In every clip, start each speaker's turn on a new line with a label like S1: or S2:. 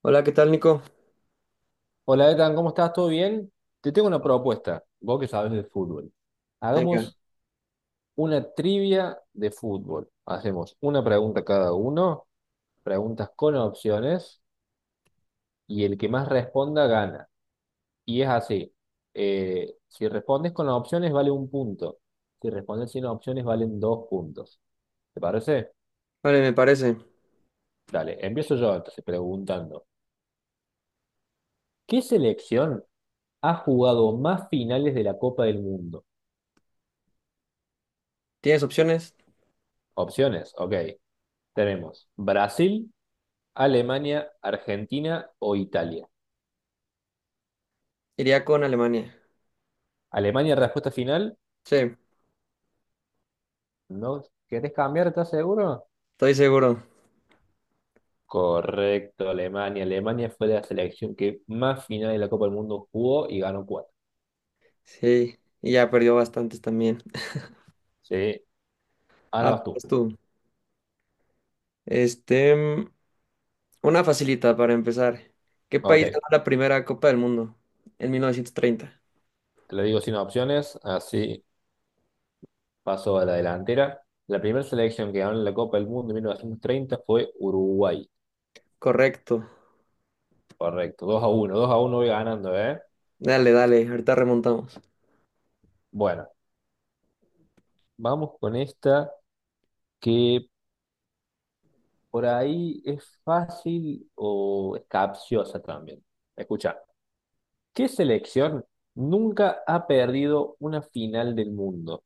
S1: Hola, ¿qué tal, Nico?
S2: Hola, Ethan, ¿cómo estás? ¿Todo bien? Te tengo una propuesta, vos que sabes de fútbol.
S1: Venga.
S2: Hagamos una trivia de fútbol. Hacemos una pregunta cada uno, preguntas con opciones, y el que más responda gana. Y es así, si respondes con las opciones vale un punto, si respondes sin opciones valen dos puntos. ¿Te parece?
S1: Vale, me parece.
S2: Dale, empiezo yo entonces preguntando. ¿Qué selección ha jugado más finales de la Copa del Mundo?
S1: ¿Tienes opciones?
S2: Opciones, ok. Tenemos Brasil, Alemania, Argentina o Italia.
S1: Iría con Alemania.
S2: Alemania, respuesta final.
S1: Sí,
S2: ¿No querés cambiar? ¿Estás seguro?
S1: estoy seguro.
S2: Correcto, Alemania. Alemania fue la selección que más final de la Copa del Mundo jugó y ganó cuatro.
S1: Sí, y ya perdió bastantes también.
S2: Sí, ahora
S1: Ah,
S2: vas tú.
S1: pues tú. Este, una facilita para empezar. ¿Qué
S2: Ok,
S1: país ganó la primera Copa del Mundo? ¿En 1930?
S2: te lo digo sin opciones, así paso a la delantera. La primera selección que ganó la Copa del Mundo en 1930 fue Uruguay.
S1: Correcto.
S2: Correcto, 2-1, 2-1, voy ganando, ¿eh?
S1: Dale, dale, ahorita remontamos.
S2: Bueno, vamos con esta que por ahí es fácil o es capciosa también. Escucha, ¿qué selección nunca ha perdido una final del mundo?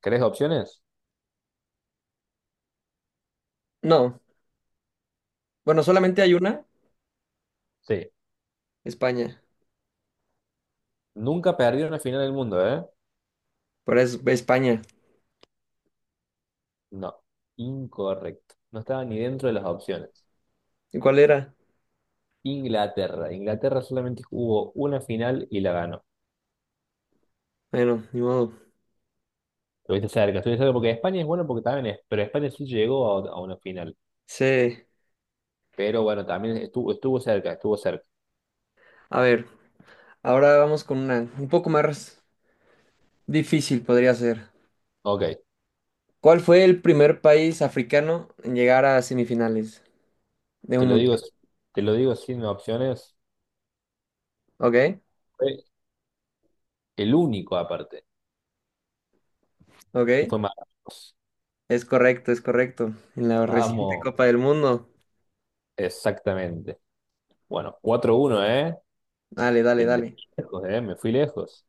S2: ¿Querés opciones?
S1: No, bueno, solamente
S2: Eh,
S1: hay una.
S2: Sí.
S1: España.
S2: Nunca ha perdido una final del mundo, ¿eh?
S1: Pero es España.
S2: No. Incorrecto. No estaba ni dentro de las opciones.
S1: ¿Y cuál era?
S2: Inglaterra. Inglaterra solamente jugó una final y la ganó.
S1: Bueno, ni modo.
S2: Estuviste cerca porque España es bueno porque también es, pero España sí llegó a una final.
S1: Sí.
S2: Pero bueno, también estuvo, estuvo cerca, estuvo cerca.
S1: A ver, ahora vamos con una un poco más difícil podría ser.
S2: Ok.
S1: ¿Cuál fue el primer país africano en llegar a semifinales de
S2: Te
S1: un
S2: lo digo,
S1: mundial?
S2: te lo digo sin opciones.
S1: Ok,
S2: Fue el único aparte. Y
S1: ok.
S2: fue Marruecos.
S1: Es correcto, es correcto. En la reciente
S2: Vamos,
S1: Copa del Mundo.
S2: exactamente. Bueno, 4-1, ¿eh?
S1: Dale, dale,
S2: Me
S1: dale.
S2: fui lejos, ¿eh? Me fui lejos.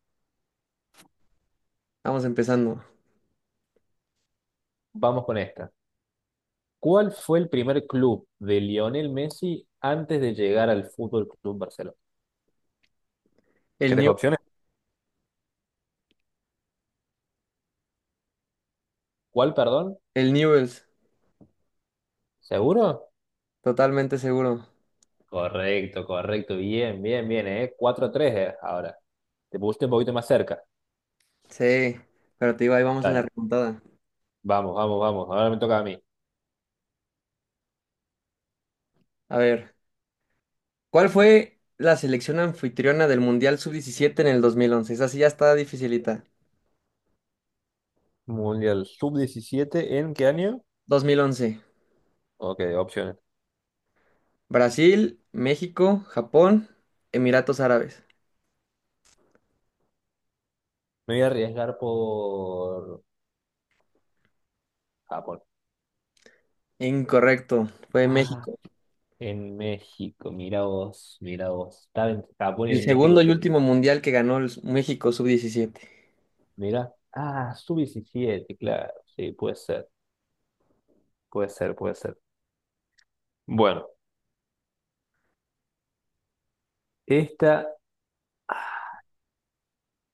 S1: Vamos empezando.
S2: Vamos con esta. ¿Cuál fue el primer club de Lionel Messi antes de llegar al Fútbol Club Barcelona?
S1: El
S2: ¿Querés
S1: New,
S2: opciones? ¿Cuál, perdón?
S1: el Newell's,
S2: ¿Seguro?
S1: totalmente seguro.
S2: Correcto, correcto. Bien, bien, bien, 4-3, ¿eh? Ahora. Te pusiste un poquito más cerca.
S1: Sí, pero te digo, ahí vamos en la
S2: Dale.
S1: remontada.
S2: Vamos, vamos, vamos. Ahora me toca a mí.
S1: A ver, ¿cuál fue la selección anfitriona del Mundial sub diecisiete en el 2011? Esa sí ya está dificilita.
S2: Mundial sub-17, ¿en qué año?
S1: 2011.
S2: Ok, opciones.
S1: Brasil, México, Japón, Emiratos Árabes.
S2: Me voy a arriesgar por Japón.
S1: Incorrecto, fue
S2: Ah,
S1: México.
S2: en México, mira vos, mira vos. Estaba en Japón y
S1: El
S2: en México.
S1: segundo y último mundial que ganó el México sub-17.
S2: Mira. Ah, sub-17. Claro. Sí, puede ser, puede ser, puede ser. Bueno, esta, ah,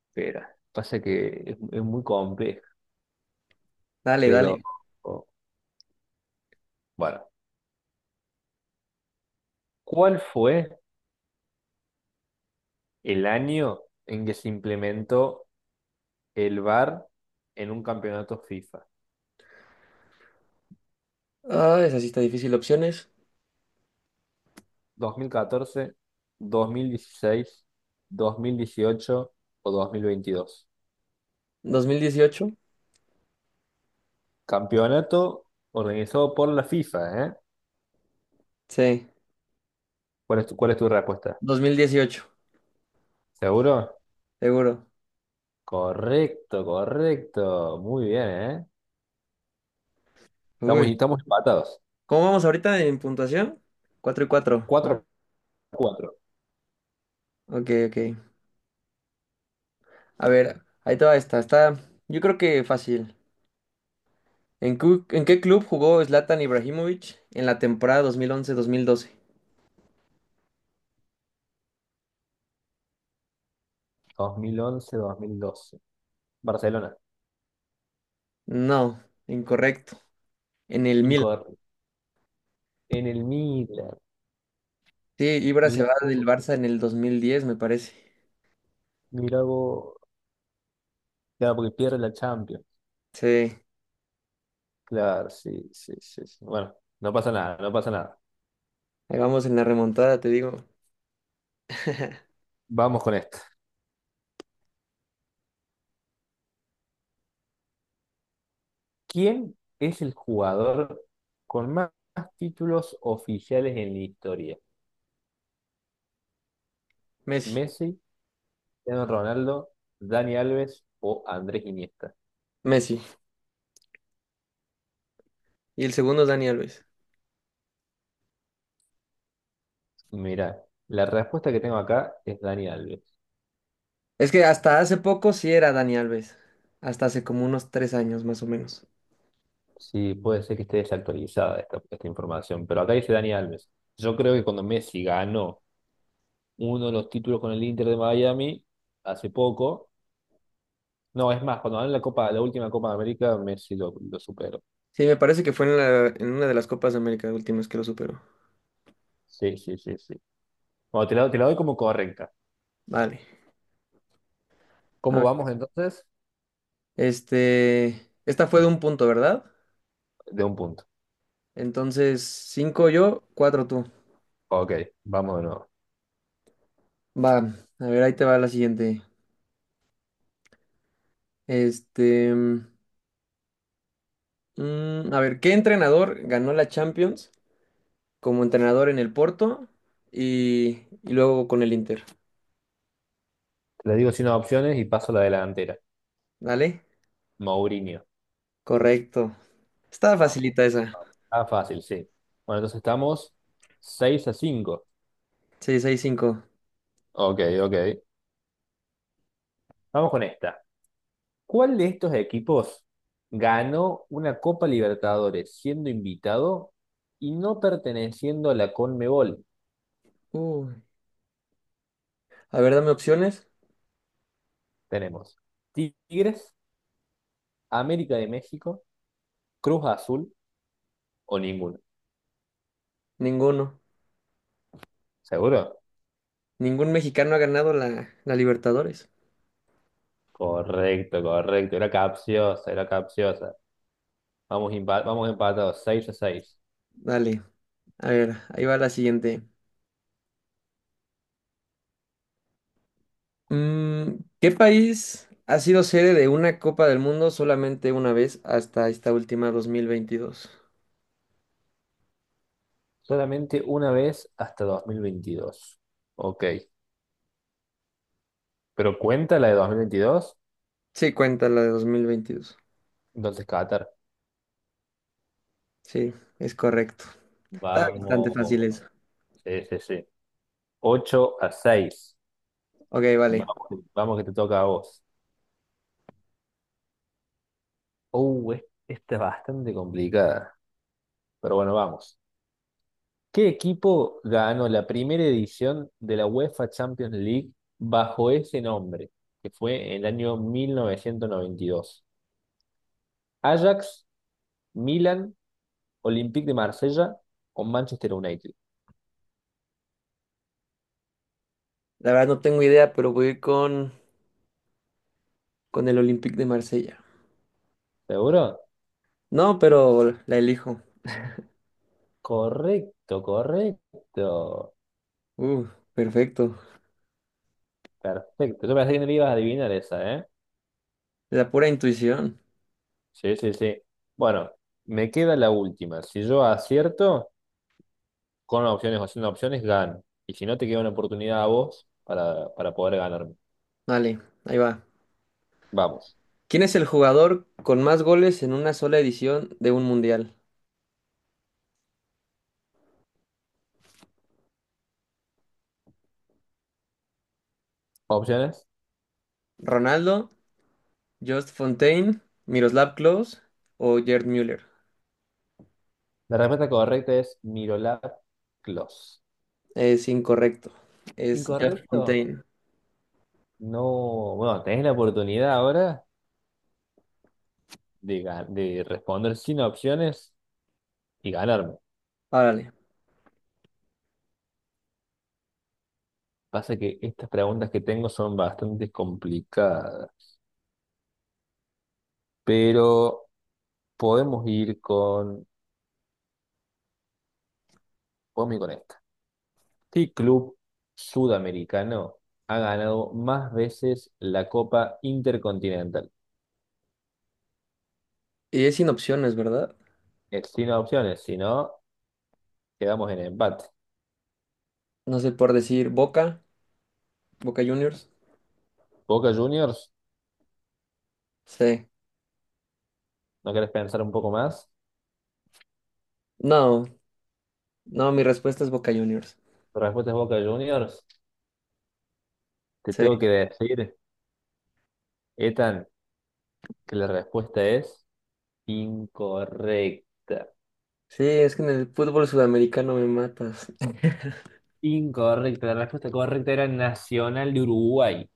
S2: espera, pasa que es muy compleja,
S1: Dale,
S2: pero
S1: dale.
S2: oh, bueno. ¿Cuál fue el año en que se implementó el VAR en un campeonato FIFA?
S1: Ah, esa sí está difícil. Opciones.
S2: Dos mil catorce, 2016, 2018 o 2022.
S1: ¿2018?
S2: Campeonato organizado por la FIFA, ¿eh?
S1: Sí,
S2: ¿Cuál es tu respuesta?
S1: 2018,
S2: ¿Seguro?
S1: seguro.
S2: Correcto, correcto. Muy bien, ¿eh?
S1: Uy.
S2: Estamos empatados.
S1: ¿Cómo vamos ahorita en puntuación? ¿Cuatro y 4,
S2: cuatro
S1: no?
S2: a cuatro
S1: Ok, ok. A ver, ahí te va esta. Está, yo creo que fácil. ¿ En qué club jugó Zlatan Ibrahimovic en la temporada 2011-2012?
S2: 2011-2012 Barcelona.
S1: No, incorrecto. En el Milan.
S2: Incorrecto. En el Milan.
S1: Sí, Ibra se
S2: Mirá
S1: va del
S2: vos,
S1: Barça en el 2010, me parece.
S2: mirá vos. Claro, porque pierde la Champions.
S1: Sí,
S2: Claro, sí, sí, sí. Sí. Bueno, no pasa nada, no pasa nada.
S1: ahí vamos en la remontada, te digo.
S2: Vamos con esto. ¿Quién es el jugador con más títulos oficiales en la historia?
S1: Messi.
S2: ¿Messi, Cristiano Ronaldo, Dani Alves o Andrés Iniesta?
S1: Messi. Y el segundo es Dani Alves.
S2: Mirá, la respuesta que tengo acá es Dani Alves.
S1: Es que hasta hace poco sí era Dani Alves. Hasta hace como unos 3 años más o menos.
S2: Sí, puede ser que esté desactualizada esta información, pero acá dice Dani Alves. Yo creo que cuando Messi ganó uno de los títulos con el Inter de Miami hace poco, no, es más, cuando ganó la Copa, la última Copa de América, Messi lo superó.
S1: Sí, me parece que fue en en una de las Copas de América últimas que lo superó.
S2: Sí, sí, sí, sí. Bueno, te la doy como correcta.
S1: Vale. A
S2: ¿Cómo
S1: ver.
S2: vamos entonces?
S1: Este. Esta fue de un punto, ¿verdad?
S2: De un punto.
S1: Entonces, cinco yo, cuatro tú.
S2: Ok, vamos de nuevo.
S1: Va, a ver, ahí te va la siguiente. Este. Mm, a ver, ¿qué entrenador ganó la Champions como entrenador en el Porto y, luego con el Inter?
S2: Te le digo sin opciones y paso a la delantera.
S1: ¿Dale?
S2: Mourinho.
S1: Correcto. Estaba
S2: Vamos.
S1: facilita esa.
S2: Vamos. Ah, fácil, sí. Bueno, entonces estamos 6-5.
S1: Sí, Seis 6 cinco.
S2: Ok, ok. Vamos con esta. ¿Cuál de estos equipos ganó una Copa Libertadores siendo invitado y no perteneciendo a la CONMEBOL?
S1: Uy. A ver, dame opciones.
S2: Tenemos Tigres, América de México, Cruz Azul o ninguno.
S1: Ninguno.
S2: ¿Seguro?
S1: Ningún mexicano ha ganado la Libertadores.
S2: Correcto, correcto. Era capciosa, era capciosa. Vamos, vamos empatados, 6-6.
S1: Dale. A ver, ahí va la siguiente. Mm, ¿qué país ha sido sede de una Copa del Mundo solamente una vez hasta esta última 2022?
S2: Solamente una vez hasta 2022. Ok. Pero cuenta la de 2022,
S1: Sí, cuenta la de 2022.
S2: entonces Qatar.
S1: Sí, es correcto. Está bastante fácil
S2: Vamos.
S1: eso.
S2: Sí, sí, sí. 8-6.
S1: Ok, vale.
S2: Vamos, vamos que te toca a vos. Esta es bastante complicada. Pero bueno, vamos. ¿Qué equipo ganó la primera edición de la UEFA Champions League bajo ese nombre, que fue en el año 1992? ¿Ajax, Milan, Olympique de Marsella o Manchester United?
S1: La verdad no tengo idea, pero voy a ir con el Olympique de Marsella.
S2: ¿Seguro?
S1: No, pero la elijo.
S2: Correcto, correcto.
S1: Uh, perfecto.
S2: Perfecto. Yo pensé que no le ibas a adivinar esa, ¿eh?
S1: La pura intuición.
S2: Sí, sí, sí. Bueno, me queda la última. Si yo acierto, con opciones o sin opciones, gano. Y si no, te queda una oportunidad a vos para poder ganarme.
S1: Vale, ahí va.
S2: Vamos.
S1: ¿Quién es el jugador con más goles en una sola edición de un mundial?
S2: Opciones.
S1: ¿Ronaldo, Just Fontaine, Miroslav Klose o Gerd Müller?
S2: La respuesta correcta es Mirolap Clos.
S1: Es incorrecto. Es Just
S2: Incorrecto.
S1: Fontaine.
S2: No, bueno, tenés la oportunidad ahora de responder sin opciones y ganarme.
S1: Árale.
S2: Pasa que estas preguntas que tengo son bastante complicadas, pero podemos ir con, podemos ir con esta. ¿Qué club sudamericano ha ganado más veces la Copa Intercontinental?
S1: ¿Y es sin opciones, verdad?
S2: Es sin opciones, si no, quedamos en empate.
S1: No sé, por decir Boca, Boca Juniors.
S2: Boca Juniors,
S1: Sí.
S2: ¿no querés pensar un poco más?
S1: No, no, mi respuesta es Boca Juniors.
S2: Respuesta es Boca Juniors. Te
S1: Sí,
S2: tengo que decir, Ethan, que la respuesta es incorrecta.
S1: sí, es que en el fútbol sudamericano me matas.
S2: Incorrecta. La respuesta correcta era Nacional de Uruguay.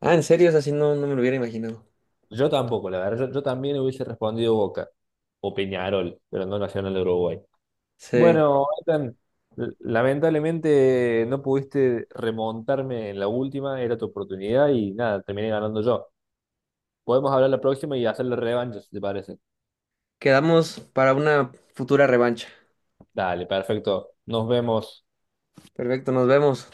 S1: Ah, ¿en serio, es así? No, no me lo hubiera imaginado.
S2: Yo tampoco, la verdad. Yo también hubiese respondido Boca o Peñarol, pero no Nacional de Uruguay.
S1: Sí,
S2: Bueno, Ethan, lamentablemente no pudiste remontarme en la última. Era tu oportunidad y nada, terminé ganando yo. Podemos hablar la próxima y hacer la revancha, si te parece.
S1: quedamos para una futura revancha.
S2: Dale, perfecto. Nos vemos.
S1: Perfecto, nos vemos.